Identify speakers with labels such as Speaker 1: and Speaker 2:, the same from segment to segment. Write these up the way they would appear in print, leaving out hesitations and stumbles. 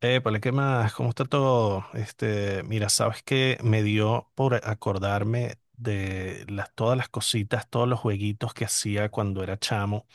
Speaker 1: Épale, ¿qué más? ¿Cómo está todo? Mira, sabes que me dio por acordarme de todas las cositas, todos los jueguitos que hacía cuando era chamo.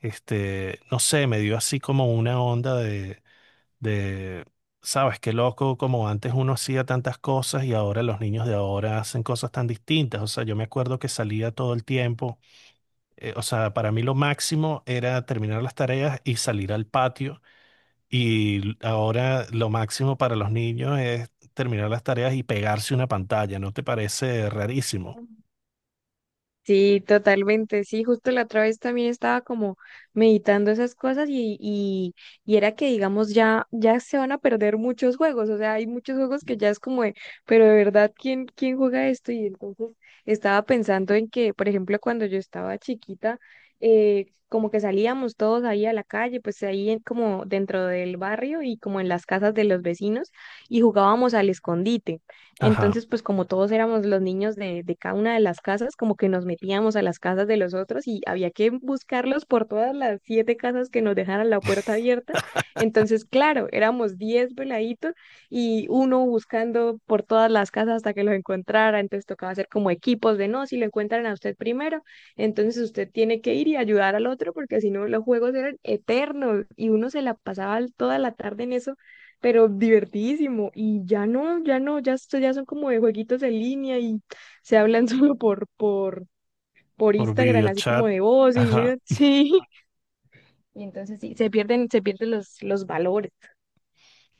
Speaker 1: No sé, me dio así como una onda de, sabes, qué loco, como antes uno hacía tantas cosas y ahora los niños de ahora hacen cosas tan distintas. O sea, yo me acuerdo que salía todo el tiempo. O sea, para mí lo máximo era terminar las tareas y salir al patio, y ahora lo máximo para los niños es terminar las tareas y pegarse una pantalla, ¿no te parece rarísimo?
Speaker 2: Sí, totalmente, sí, justo la otra vez también estaba como meditando esas cosas y era que digamos ya se van a perder muchos juegos, o sea, hay muchos juegos que ya es como de, pero de verdad, ¿quién juega esto? Y entonces estaba pensando en que, por ejemplo, cuando yo estaba chiquita, como que salíamos todos ahí a la calle, pues ahí como dentro del barrio y como en las casas de los vecinos y jugábamos al escondite.
Speaker 1: Ajá,
Speaker 2: Entonces, pues como todos éramos los niños de cada una de las casas, como que nos metíamos a las casas de los otros y había que buscarlos por todas las 7 casas que nos dejaran la puerta abierta. Entonces, claro, éramos 10 veladitos y uno buscando por todas las casas hasta que los encontrara. Entonces tocaba hacer como equipos de no, si lo encuentran a usted primero, entonces usted tiene que ir y ayudar al otro porque si no los juegos eran eternos y uno se la pasaba toda la tarde en eso, pero divertidísimo. Y ya no, ya no, ya, esto ya son como de jueguitos en línea y se hablan solo por
Speaker 1: por
Speaker 2: Instagram, así como
Speaker 1: videochat.
Speaker 2: de voz y yo,
Speaker 1: Ajá.
Speaker 2: sí. Y entonces sí, se pierden los valores.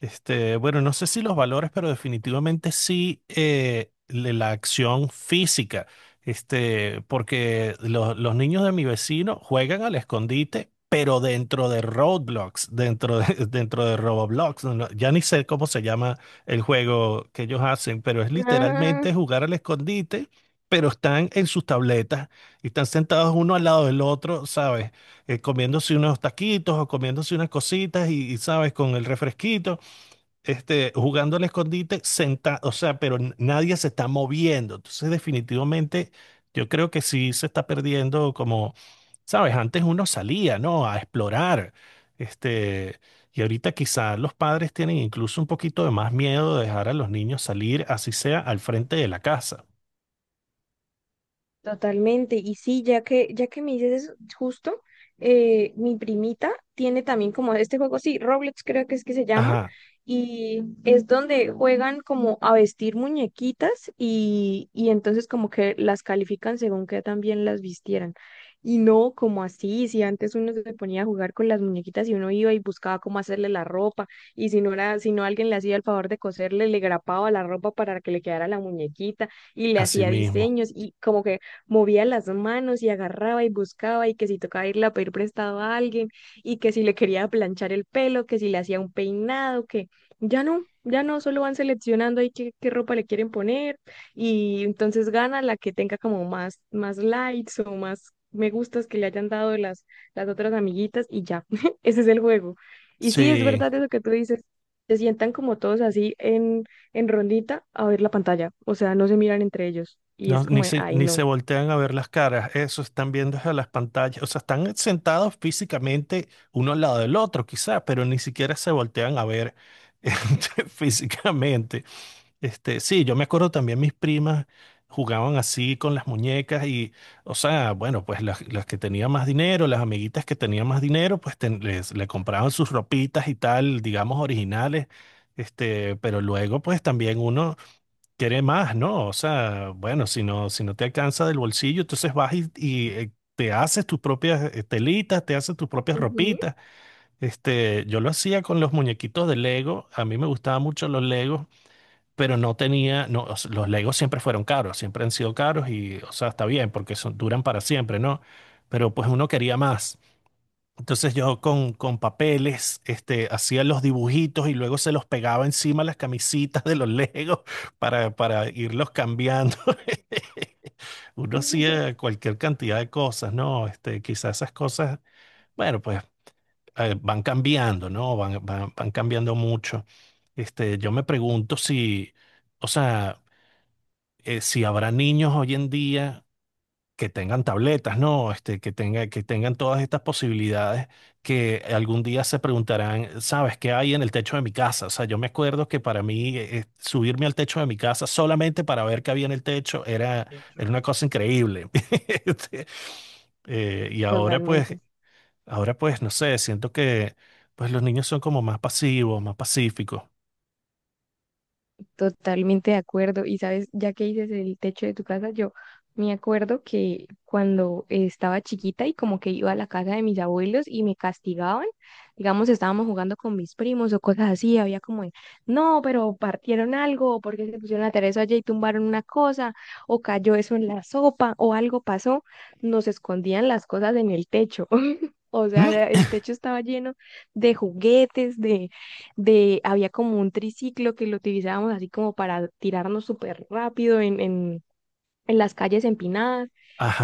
Speaker 1: Bueno, no sé si los valores, pero definitivamente sí, la acción física. Porque los niños de mi vecino juegan al escondite, pero dentro de Roblox, dentro de, dentro de Roblox. No, ya ni sé cómo se llama el juego que ellos hacen, pero es literalmente jugar al escondite, pero están en sus tabletas y están sentados uno al lado del otro, ¿sabes? Comiéndose unos taquitos o comiéndose unas cositas y sabes, con el refresquito, jugando al escondite sentado, o sea, pero nadie se está moviendo. Entonces, definitivamente, yo creo que sí se está perdiendo como, sabes, antes uno salía, ¿no? A explorar. Este, y ahorita quizás los padres tienen incluso un poquito de más miedo de dejar a los niños salir, así sea al frente de la casa.
Speaker 2: Totalmente. Y sí, ya que me dices eso, justo, mi primita tiene también como este juego, sí, Roblox creo que es que se llama,
Speaker 1: Ajá,
Speaker 2: y es donde juegan como a vestir muñequitas y entonces como que las califican según que también las vistieran. Y no como así, si antes uno se ponía a jugar con las muñequitas y uno iba y buscaba cómo hacerle la ropa, y si no alguien le hacía el favor de coserle, le grapaba la ropa para que le quedara la muñequita y le
Speaker 1: así
Speaker 2: hacía
Speaker 1: mismo.
Speaker 2: diseños y como que movía las manos y agarraba y buscaba y que si tocaba irle a pedir prestado a alguien y que si le quería planchar el pelo, que si le hacía un peinado, que ya no, ya no, solo van seleccionando ahí qué ropa le quieren poner y entonces gana la que tenga como más likes o más me gustas que le hayan dado las otras amiguitas y ya, ese es el juego. Y sí, es
Speaker 1: Sí.
Speaker 2: verdad eso que tú dices, se sientan como todos así en rondita a ver la pantalla, o sea, no se miran entre ellos y
Speaker 1: No,
Speaker 2: es como, de, ay,
Speaker 1: ni se
Speaker 2: no.
Speaker 1: voltean a ver las caras, eso están viendo desde las pantallas, o sea, están sentados físicamente uno al lado del otro, quizá, pero ni siquiera se voltean a ver físicamente. Sí, yo me acuerdo también mis primas jugaban así con las muñecas y, o sea, bueno, pues las que tenían más dinero, las amiguitas que tenían más dinero, pues le compraban sus ropitas y tal, digamos, originales. Pero luego, pues también uno quiere más, ¿no? O sea, bueno, si no te alcanza del bolsillo, entonces vas te haces tus propias telitas, te haces tus propias
Speaker 2: Ujú.
Speaker 1: ropitas. Yo lo hacía con los muñequitos de Lego. A mí me gustaban mucho los Legos, pero no tenía, no, o sea, los Legos siempre fueron caros, siempre han sido caros y, o sea, está bien porque son, duran para siempre, ¿no? Pero pues uno quería más. Entonces yo con papeles hacía los dibujitos y luego se los pegaba encima a las camisitas de los Legos para irlos cambiando. Uno hacía cualquier cantidad de cosas, ¿no? Quizás esas cosas, bueno, pues van cambiando, ¿no? Van cambiando mucho. Yo me pregunto si, o sea, si habrá niños hoy en día que tengan tabletas, ¿no? Que tengan todas estas posibilidades, que algún día se preguntarán, ¿sabes qué hay en el techo de mi casa? O sea, yo me acuerdo que para mí subirme al techo de mi casa solamente para ver qué había en el techo era una cosa increíble. Este, y
Speaker 2: Totalmente,
Speaker 1: ahora pues, no sé, siento que pues los niños son como más pasivos, más pacíficos.
Speaker 2: totalmente de acuerdo. Y sabes, ya que dices el techo de tu casa, yo me acuerdo que cuando estaba chiquita y como que iba a la casa de mis abuelos y me castigaban, digamos, estábamos jugando con mis primos o cosas así, había como, de, no, pero partieron algo, porque se pusieron a tarea eso allá y tumbaron una cosa, o cayó eso en la sopa, o algo pasó, nos escondían las cosas en el techo. O sea,
Speaker 1: Mm.
Speaker 2: el techo estaba lleno de juguetes, de, había como un triciclo que lo utilizábamos así como para tirarnos súper rápido en las calles empinadas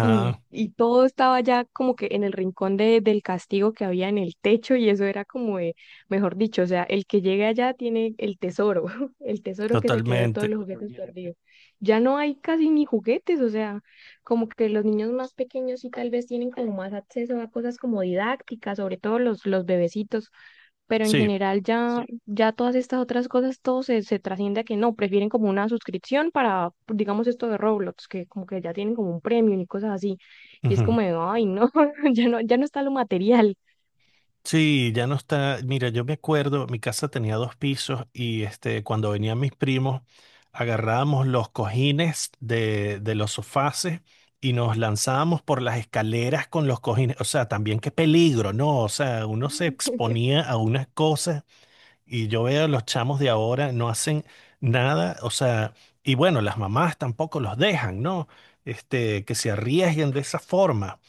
Speaker 2: y todo estaba ya como que en el rincón de, del castigo que había en el techo y eso era como de, mejor dicho, o sea, el que llegue allá tiene el tesoro, el tesoro que se quedó de todos
Speaker 1: totalmente.
Speaker 2: los juguetes perdidos. Ya no hay casi ni juguetes, o sea, como que los niños más pequeños sí tal vez tienen como más acceso a cosas como didácticas, sobre todo los bebecitos, pero en
Speaker 1: Sí.
Speaker 2: general ya todas estas otras cosas, todo se trasciende a que no, prefieren como una suscripción para, digamos, esto de Roblox, que como que ya tienen como un premium y cosas así. Y es
Speaker 1: Ujú.
Speaker 2: como, de, ay, no, ya no, ya no está lo material.
Speaker 1: Sí, ya no está. Mira, yo me acuerdo, mi casa tenía dos pisos y cuando venían mis primos, agarrábamos los cojines de los sofás y nos lanzábamos por las escaleras con los cojines. O sea, también qué peligro, ¿no? O sea, uno se exponía a unas cosas y yo veo a los chamos de ahora no hacen nada. O sea, y bueno, las mamás tampoco los dejan, ¿no? Que se arriesguen de esa forma.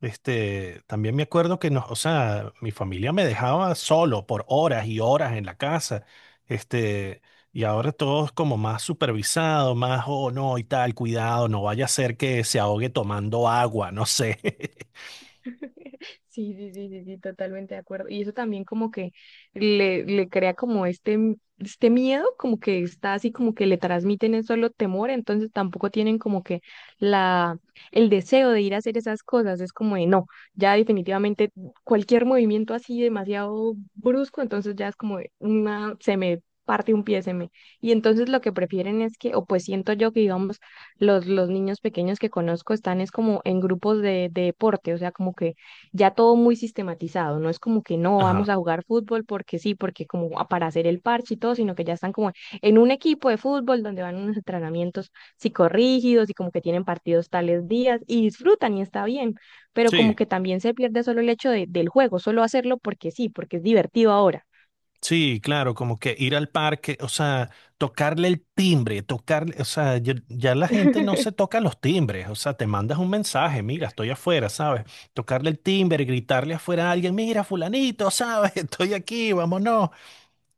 Speaker 1: También me acuerdo que o sea, mi familia me dejaba solo por horas y horas en la casa. Este, y ahora todo es como más supervisado, más, oh, no, y tal, cuidado, no vaya a ser que se ahogue tomando agua, no sé.
Speaker 2: Sí, sí, sí, sí, sí, totalmente de acuerdo. Y eso también como que le crea como este, este miedo, como que está así, como que le transmiten es solo temor, entonces tampoco tienen como que la, el deseo de ir a hacer esas cosas. Es como de no, ya definitivamente cualquier movimiento así demasiado brusco, entonces ya es como de una, se me parte un pie, se me. Y entonces lo que prefieren es que, o pues siento yo que digamos, los niños pequeños que conozco están es como en grupos de deporte, o sea, como que ya todo muy sistematizado, no es como que no vamos
Speaker 1: Ajá.
Speaker 2: a jugar fútbol porque sí, porque como para hacer el parche y todo, sino que ya están como en un equipo de fútbol donde van unos entrenamientos psicorrígidos y como que tienen partidos tales días y disfrutan y está bien, pero como
Speaker 1: Sí,
Speaker 2: que también se pierde solo el hecho del juego, solo hacerlo porque sí, porque es divertido ahora.
Speaker 1: sí, claro, como que ir al parque, o sea, tocarle el timbre, tocarle, o sea, ya, ya la gente no se toca los timbres, o sea, te mandas un mensaje, mira, estoy afuera, ¿sabes? Tocarle el timbre, gritarle afuera a alguien, mira, fulanito, ¿sabes? Estoy aquí, vámonos.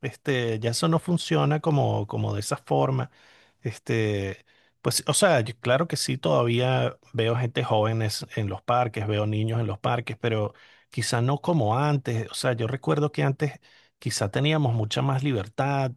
Speaker 1: Ya eso no funciona como, como de esa forma. Este, pues, o sea, claro que sí, todavía veo gente joven en los parques, veo niños en los parques, pero quizá no como antes. O sea, yo recuerdo que antes quizá teníamos mucha más libertad.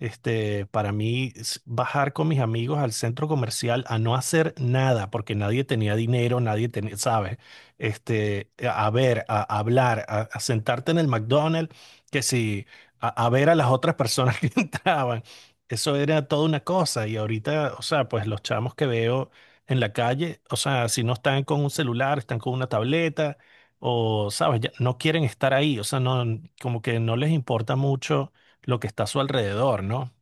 Speaker 1: Para mí, bajar con mis amigos al centro comercial a no hacer nada, porque nadie tenía dinero, nadie tenía, ¿sabes? A ver, a hablar, a sentarte en el McDonald's, que si a ver a las otras personas que entraban. Eso era toda una cosa. Y ahorita, o sea, pues los chamos que veo en la calle, o sea, si no están con un celular, están con una tableta, o, sabes, ya no quieren estar ahí. O sea, no, como que no les importa mucho lo que está a su alrededor, ¿no?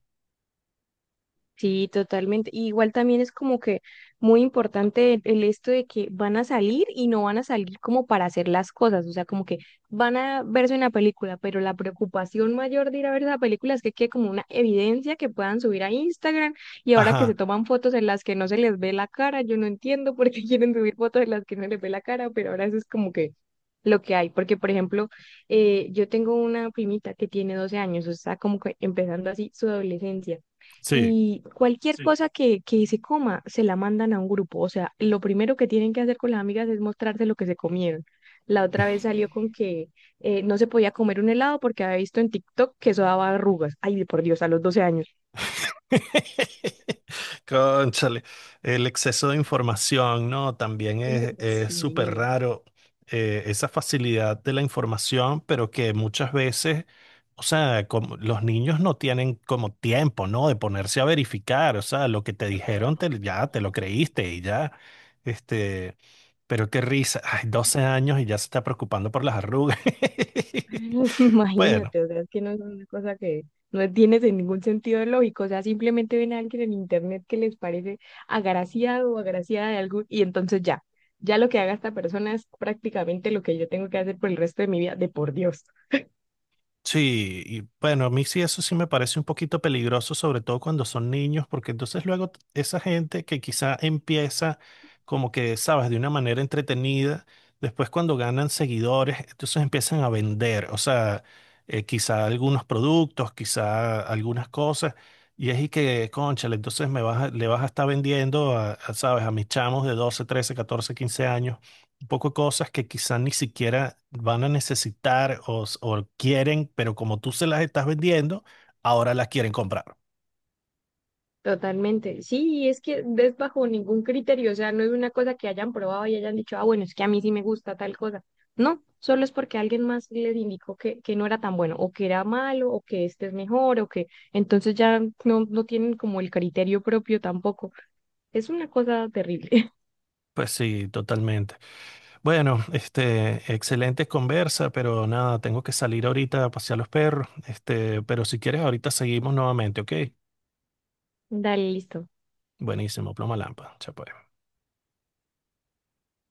Speaker 2: Sí, totalmente. Y igual también es como que muy importante el esto de que van a salir y no van a salir como para hacer las cosas, o sea, como que van a verse una película, pero la preocupación mayor de ir a ver esa película es que quede como una evidencia que puedan subir a Instagram y ahora que se
Speaker 1: Ajá,
Speaker 2: toman fotos en las que no se les ve la cara, yo no entiendo por qué quieren subir fotos en las que no les ve la cara, pero ahora eso es como que lo que hay, porque por ejemplo, yo tengo una primita que tiene 12 años, o sea, como que empezando así su adolescencia
Speaker 1: sí.
Speaker 2: y cualquier Sí. cosa que se coma se la mandan a un grupo. O sea, lo primero que tienen que hacer con las amigas es mostrarse lo que se comieron. La otra vez salió con que no se podía comer un helado porque había visto en TikTok que eso daba arrugas. Ay, por Dios, a los 12 años.
Speaker 1: Cónchale, el exceso de información, ¿no? También es súper
Speaker 2: Sí.
Speaker 1: raro, esa facilidad de la información, pero que muchas veces, o sea, como los niños no tienen como tiempo, ¿no? De ponerse a verificar, o sea, lo que te dijeron, ya te lo creíste y ya, este, pero qué risa, ay, 12 años y ya se está preocupando por las arrugas. Bueno.
Speaker 2: Imagínate, o sea, es que no es una cosa que no tiene de ningún sentido lógico, o sea, simplemente ven a alguien en internet que les parece agraciado o agraciada de algo y entonces ya, ya lo que haga esta persona es prácticamente lo que yo tengo que hacer por el resto de mi vida, de por Dios.
Speaker 1: Sí, y bueno, a mí sí eso sí me parece un poquito peligroso, sobre todo cuando son niños, porque entonces luego esa gente que quizá empieza como que, sabes, de una manera entretenida, después cuando ganan seguidores, entonces empiezan a vender, o sea, quizá algunos productos, quizá algunas cosas, y es y que, cónchale, entonces me le vas a estar vendiendo a sabes, a mis chamos de 12, 13, 14, 15 años un poco de cosas que quizás ni siquiera van a necesitar o quieren, pero como tú se las estás vendiendo, ahora las quieren comprar.
Speaker 2: Totalmente. Sí, y es que es bajo ningún criterio, o sea, no es una cosa que hayan probado y hayan dicho, ah, bueno, es que a mí sí me gusta tal cosa. No, solo es porque alguien más les indicó que no era tan bueno, o que era malo, o que este es mejor, o que entonces ya no, no tienen como el criterio propio tampoco. Es una cosa terrible.
Speaker 1: Pues sí, totalmente. Bueno, excelente conversa, pero nada, tengo que salir ahorita a pasear los perros. Pero si quieres, ahorita seguimos nuevamente, ¿ok?
Speaker 2: Dale, listo.
Speaker 1: Buenísimo, ploma lámpara. Chao, pues.